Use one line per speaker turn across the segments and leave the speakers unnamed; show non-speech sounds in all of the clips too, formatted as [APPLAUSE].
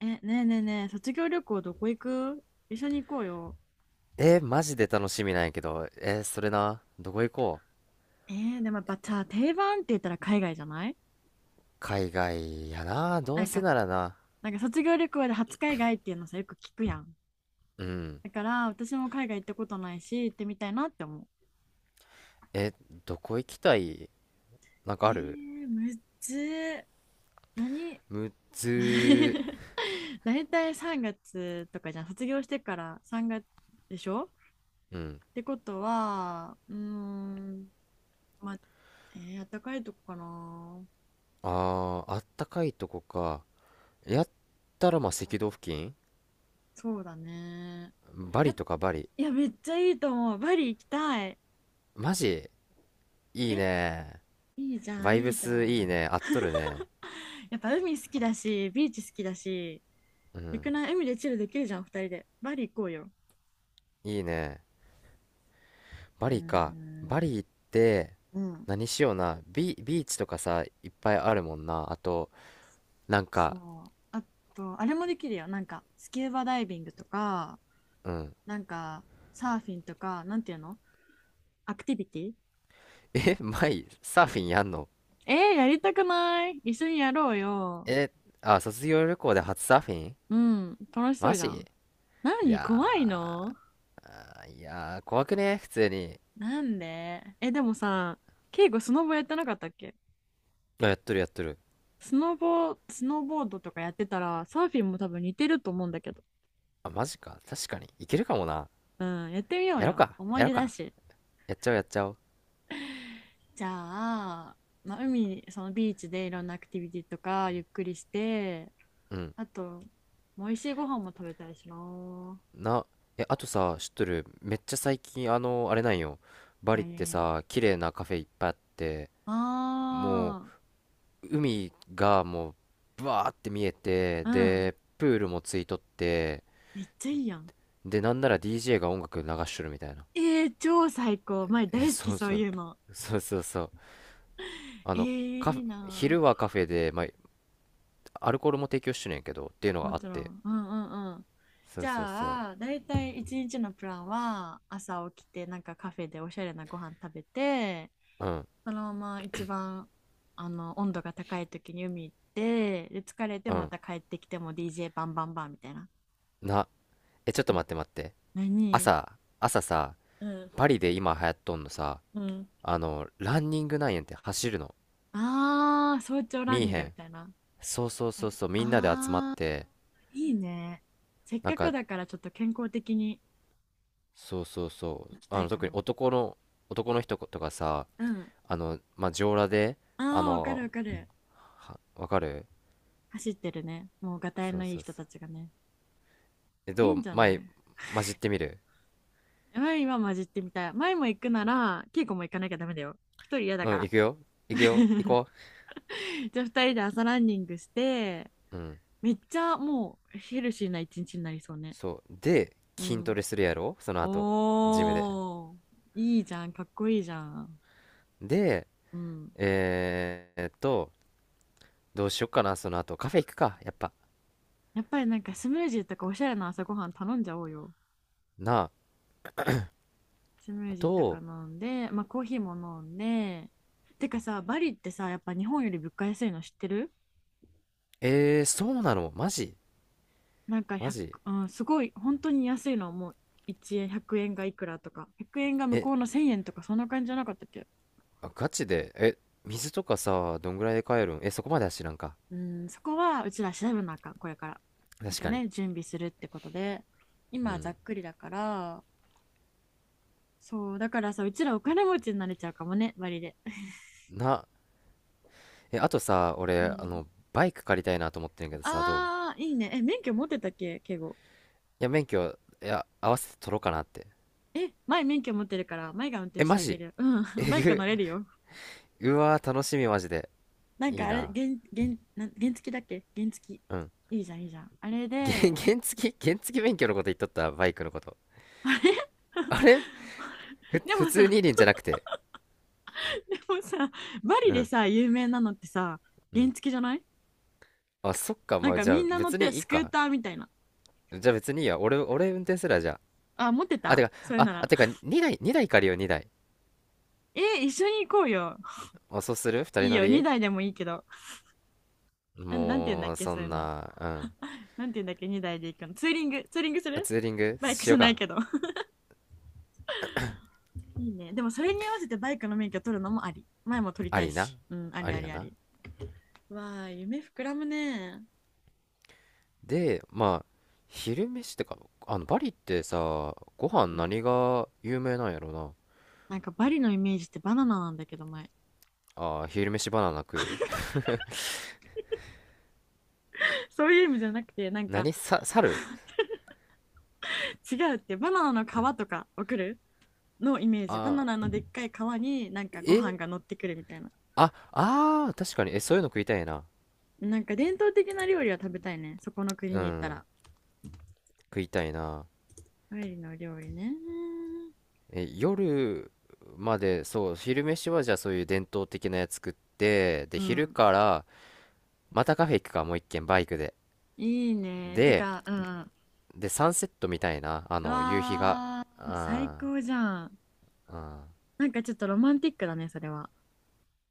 ねえねえねえ、卒業旅行どこ行く？一緒に行こうよ。
マジで楽しみなんやけど、それな、どこ行こう？
えでもやっぱさ、定番って言ったら海外じゃない？
海外やな、ど
な
う
ん
せ
か、
ならな。
なんか卒業旅行で初海外っていうのさ、よく聞くやん。
うん。
だから私も海外行ったことないし、行ってみたいなって思う。
え、どこ行きたい？なんかある？
むっずー。何？
むずー。
[LAUGHS] 大体3月とかじゃん。卒業してから3月でしょ？
うん。
ってことは、うーん、まあ、あったかいとこかな。
あー、あったかいとこか。やったらまあ赤道付近、
そうだね。
バ
や
リ
っ、
とかバリ。
いや、めっちゃいいと思う。バリ行きたい。
マジ、いい
え、
ね。
いいじゃん、
バイ
い
ブ
いじゃ
スいい
ん。
ね。合っとるね。
やっぱ海好きだし、ビーチ好きだし、
う
よ
ん。
くない？海でチルできるじゃん、二人で。バリ行こうよ。
いいね。バ
うー
リか。バ
ん。
リ行って、
うん、
何しような。ビーチとかさ、いっぱいあるもんな。あと、なんか、
そう。あと、あれもできるよ。なんか、スキューバダイビングとか、
うん。
なんか、サーフィンとか、なんていうの？アクティビティ。
[LAUGHS] え、サーフィンやんの？
やりたくない？一緒にやろうよ。
え、あ、卒業旅行で初サーフィン？
うん、楽しそ
マ
うじゃ
ジ？
ん。
い
何？怖い
や
の？
ー、いやー、怖くね普通に。
なんでえ、でもさ、ケイゴスノボやってなかったっけ？
あ、やっとるやっとる。
スノボ、スノーボードとかやってたら、サーフィンも多分似てると思うんだけど。
あ、マジか。確かに。いけるかもな。
うん、やってみよう
やろう
よ。
か。
思
や
い
ろう
出だ
か。
し。
やっちゃおうやっちゃおう。
じゃあ、まあ、海に、そのビーチでいろんなアクティビティとかゆっくりして、
うん。
あと、美味しいご飯も食べたいしな。
な、え、あとさ、知っとる？めっちゃ最近、あれなんよ。バリって
え
さ、
え、
綺麗なカフェいっぱいあって、も
あ
う、海がもう、ブワーって見えて、
あー、あうん。
で、プールもついとって、
めっちゃいいやん。
で、なんなら DJ が音楽流しとるみたいな。
超最高。前
[LAUGHS] え、
大好き
そう
そう
そう。
いうの。
そうそうそう。あ
えー、
の、カ
いい
フ、
な。
昼はカフェで、まあ、アルコールも提供してるんやけど、っていうの
も
があっ
ちろ
て。
ん。うんうんうん。
そ
じ
うそうそう。
ゃあ、だいたい一日のプランは、朝起きて、なんかカフェでおしゃれなご飯食べて、
うん、
そのまま一番、温度が高い時に海行って、で、疲れて
う
ま
ん。
た帰ってきても DJ バンバンバンみたいな。
な、え、ちょっと待って待って。
え何？
朝さ、
うん、
パリで今流行っとんのさ、
うん。
ランニングなんやんって走るの。
ああ、早朝ラ
見
ン
え
ニン
へ
グみ
ん。
たいな。
そうそう
な
そ
ん
う
か、
そう、みんなで集まっ
ああ、
て、
いいね。せっ
なん
かく
か、
だからちょっと健康的に
そうそうそう、
行きたいか
特に
も。
男の人とかさ、
うん。
まあ、上裸で、
あ
あ
あ、わかる
の、
わかる。
わかる？
走ってるね。もうガタイ
そ
の
う
いい
そうそ
人た
う。
ちがね。
え、
い
ど
いん
う
じゃな
前、
い？
混じってみる？
前今混じってみたい。前も行くなら、稽古も行かなきゃダメだよ。一人嫌だ
う
か
ん、
ら。
行くよ。行くよ。行こ
[LAUGHS]。じゃあ二人で朝ランニングして、
う。うん。
めっちゃもうヘルシーな一日になりそうね。
そう。で、
う
筋ト
ん。
レするやろその後、ジムで。
おー、いいじゃん。かっこいいじゃん。
で、
うん。
えーっと、どうしよっかな、その後。カフェ行くか、やっぱ。
やっぱりなんかスムージーとかおしゃれな朝ごはん頼んじゃおうよ。
なあ。
スムージー
と、
とか飲んで、まあコーヒーも飲んで。てかさ、バリってさ、やっぱ日本より物価安いの知ってる？
えー、そうなのマジ？
なんか
マ
100、
ジ？
うん、すごい本当に安いのはもう1円、100円がいくらとか、100円が向
え、
こうの1000円とかそんな感じじゃなかったっけ？
あガチで？え、水とかさ、どんぐらいで帰るん？え、そこまでは知らんか。
うん、そこはうちら調べなあかん、これから。ま
確
た
かに。
ね、準備するってことで。
う
今はざ
ん。
っくりだから。そうだからさ、うちらお金持ちになれちゃうかもね、割で。
な、え、あとさ、
う
俺、
ん、
バイク借りたいなと思ってんけどさ、どう？
あー、いいねえ。免許持ってたっけ敬語？
や、免許、いや、合わせて取ろうかなって。
前免許持ってるから前が運転
え、
し
マ
てあげ
ジ？
る。うん。 [LAUGHS]
え
バイク
ぐ、
乗れるよ。
[LAUGHS] うわー、楽しみ、マジで。
なん
いい
かあれ、
な。
原付だっけ、原付。
うん。
いいじゃん、いいじゃん。あれ
げ、
で、
原付、原付免許のこと言っとった、バイクのこと。
あれ。
あれ？
[LAUGHS] で
普
も
通二
さ、
輪じゃなくて。
でもさ、バリ
う
で
ん、
さ、有名なのってさ、
う
原
ん。
付じゃない？
あ、そっか、
な
ま
ん
あ、
か
じゃ
み
あ、
んな乗っ
別
て
にい
ス
い
クー
か。
ターみたいな。
じゃあ別にいいや。俺運転すらじゃ
あ、持って
あ。あ、て
た
か、
それ
あ、
な
あ、
ら。
てか、2台、2台借りよう、2台。
一緒に行こうよ。
あ、そうする？ 2 人
いい
乗
よ、
り？
2台でもいいけど。なんて言うんだっ
もう、
け、
そ
そうい
ん
うの。
な、うん。
[LAUGHS] なんて言うんだっけ、2台で行くの。ツーリングす
あ、
る
ツーリング
バイク
し
じ
よ
ゃ
う
ない
か。
けど。[LAUGHS] いいね。でもそれに合わせてバイクの免許取るのもあり。前も取り
あ
たい
りな。
し。うん、あり
あり
あり
や
あ
な。
り。わあ、夢膨らむね。
でまあ昼飯ってか、バリってさ、ご飯
うん。
何が有名なんやろな。
なんかバリのイメージってバナナなんだけど前。
あー、昼飯バナナ食う？
そういう意味じゃなくて、な
[LAUGHS]
んか
何さ、猿？
違うって、バナナの皮とか送るのイメージ。バ
あ
ナナのでっかい皮になん
ー、
かご飯
え、
が乗ってくるみたいな。
ああー、確かに。え、そういうの食いたいな。
なんか伝統的な料理は食べたいね。そこの国
う
に行った
ん、
ら。
食いたいな。
バリの料理ね。
え、夜まで？そう、昼飯はじゃあそういう伝統的なやつ食って、で、
う
昼
ん、
からまたカフェ行くか、もう一軒、バイクで。
いいね。て
で
か、うん、う
でサンセットみたいな、夕日が。
わー、最
あ
高じゃん。
ー、うん、
なんかちょっとロマンティックだね、それは。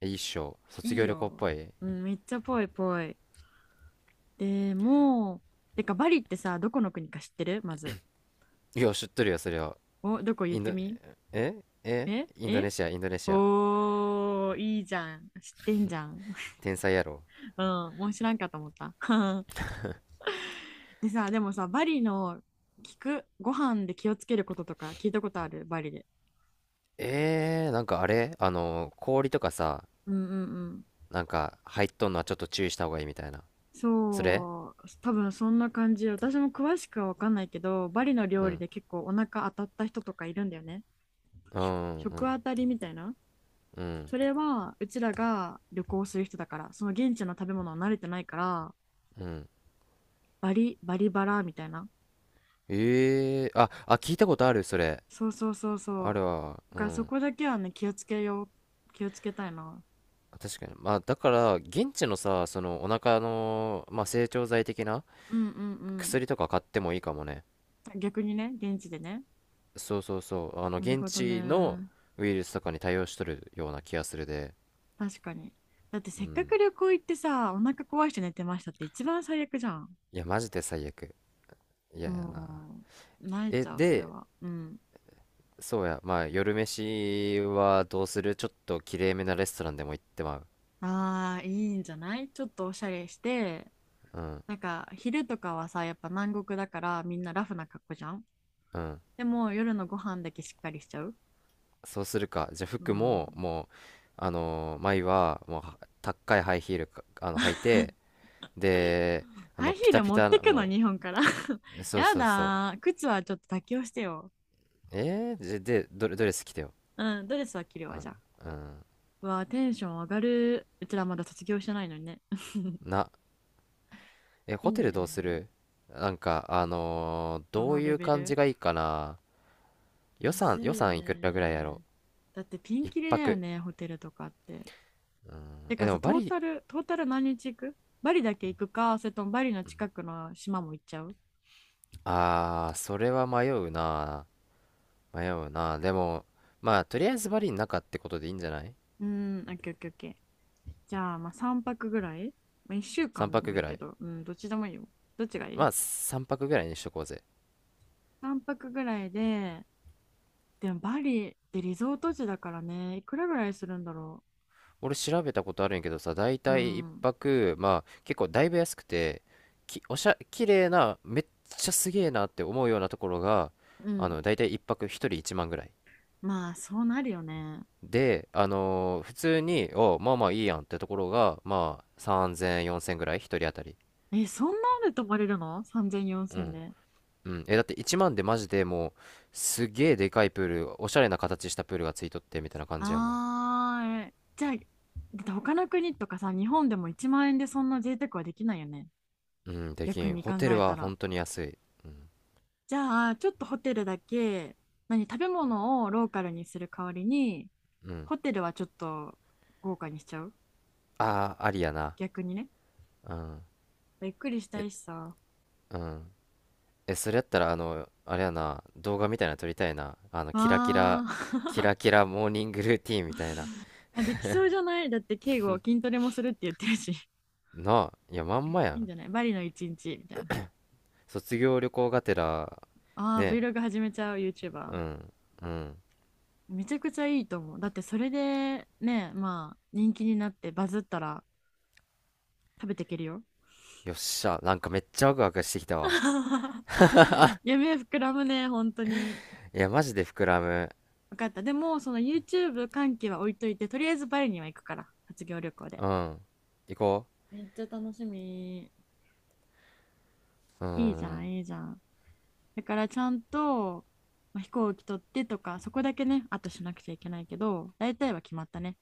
一生、卒
いい
業旅行っ
よ。
ぽい。
うん、めっちゃぽいぽい。でも、てかバリってさ、どこの国か知ってる？まず。
いや、知っとるよ、それは。
お、どこ言っ
イン
て
ド、
み？え
インド
え、
ネシア、インドネシア。
おー、いいじゃん。知ってんじゃん。
天才やろ。
[LAUGHS] うん、もう知らんかと思った。[LAUGHS] でさ、でもさ、バリのご飯で気をつけることとか聞いたことある？バリで。
なんかあれ、氷とかさ、
うんうんうん。
なんか入っとんのはちょっと注意した方がいいみたいな。それ？
そう、多分そんな感じ。私も詳しくは分かんないけど、バリの
う
料理
ん。
で結構お腹当たった人とかいるんだよね。
うん、う
食
ん、
当たりみたいな。
うん、
それはうちらが旅行する人だから、その現地の食べ物は慣れてないから。
うん、
バリバリバラみたいな、
ええー、ああ、聞いたことある、それ。
そうそうそうそ
あ
う。
るわ、
だ
う
から、そ
ん。
こだけはね、気をつけよう。気をつけたいな。
確かに。まあだから現地のさ、そのお腹の、まあ、成長剤的な
うんうん
薬とか買ってもいいかもね。
うん、逆にね、現地でね。
そうそうそう、
なる
現
ほど
地の
ね。
ウイルスとかに対応しとるような気がするで。
確かに。だって
う
せっか
ん。
く旅行行ってさ、お腹壊して寝てましたって一番最悪じゃん。
いや、マジで最悪。嫌やな。
もう泣い
え、
ちゃう、それ
で、
は。うん。
そうや、まあ、夜飯はどうする？ちょっときれいめなレストランでも行ってまう。
ああ、いいんじゃない？ちょっとおしゃれして。
うん、
なんか昼とかはさ、やっぱ南国だからみんなラフな格好じゃん。
うん。
でも夜のご飯だけしっかりしちゃう。
そうするか。じゃあ、
う
服
ん。
も、もう、前は、もう、は高いハイヒールか、履い
[LAUGHS]
て、で、
ハイ
ピ
ヒー
タ
ル
ピ
持っ
タ
て
な、
くの、
も
日本から。[LAUGHS]
う、そう
や
そうそう。
だー。靴はちょっと妥協してよ。
じゃで、ドレス着てよ。
うん、ドレスは着る
う
わ、じゃあ。
ん、うん。
うわー、テンション上がる。うちらまだ卒業してないのにね。[LAUGHS]
な、え、
い
ホテ
い
ルどうす
ね。
る？なんか、
ど
どう
の
い
レ
う
ベ
感
ル？
じがいいかな？
むず
予
いよ
算いくらぐらいやろ
ね。だってピン
う一
キリだよ
泊。
ね、ホテルとかって。て
え、
か
で
さ、
も
ト
バ
ー
リ、
タル、トータル何日行く？バリだけ行くか、それともバリの近くの島も行っちゃう？
あー、それは迷うな。迷うな。でも、まあ、とりあえずバリの中ってことでいいんじゃない？
うーん、オッケーオッケーオッケー。じゃあ、まあ3泊ぐらい、まあ、?1 週
三
間で
泊
もい
ぐ
い
ら
け
い。
ど、うん、どっちでもいいよ。どっちがい
ま
い
あ、三泊ぐらいにしとこうぜ。
?3 泊ぐらいで、でもバリってリゾート地だからね、いくらぐらいするんだろ
俺調べたことあるんやけどさ、だい
う。う
たい一
ん、
泊、まあ、結構だいぶ安くて、き、おしゃ、綺麗な、めっちゃすげえなって思うようなところが、
うん。
だいたい一泊一人一万ぐらい。
まあ、そうなるよね。
で、普通に、まあまあいいやんってところが、まあ3000、4000ぐらい、1人当たり。
え、そんなんで泊まれるの ?3000、
う
4000
ん。
で。
うん。え、だって1万でマジでもう、すげえでかいプール、おしゃれな形したプールがついとってみたいな感じやもん。
ああ、じゃあ、だって他の国とかさ、日本でも1万円でそんな贅沢はできないよね。
うん、でき
逆
ん。
に
ホ
考
テル
えた
は
ら。
本当に安い。うん。
じゃあ、ちょっとホテルだけ、何、食べ物をローカルにする代わりに、
うん。
ホテルはちょっと豪華にしちゃう、
ああ、ありやな。
逆にね。
うん。
ゆっくりしたいしさ。
うん。え、それやったら、あれやな、動画みたいなの撮りたいな。
あ
キラ
ー、
キラモーニングルーティンみたいな。
[LAUGHS] あ、できそうじゃない？だって敬語筋トレもするって言ってるし。[LAUGHS]
なあ、いや、まんまや
いいん
ん。
じゃない？バリの一日みたいな。
卒業旅行がてら。
ああ、
ね、
Vlog 始めちゃう YouTuber。
うん。うん。
めちゃくちゃいいと思う。だってそれでね、まあ人気になってバズったら食べていけるよ。
よっしゃ。なんかめっちゃワクワクしてきたわ。
[LAUGHS] 夢膨らむね、本当に。
いや、マジで膨らむ。
分かった。でも、その YouTube 関係は置いといて、とりあえずバリには行くから、卒業旅行で。
うん。行こ
めっちゃ楽しみ。
う。う
いいじゃん、
ん。
いいじゃん。だからちゃんと、まあ飛行機取ってとか、そこだけね、あとしなくちゃいけないけど、大体は決まったね。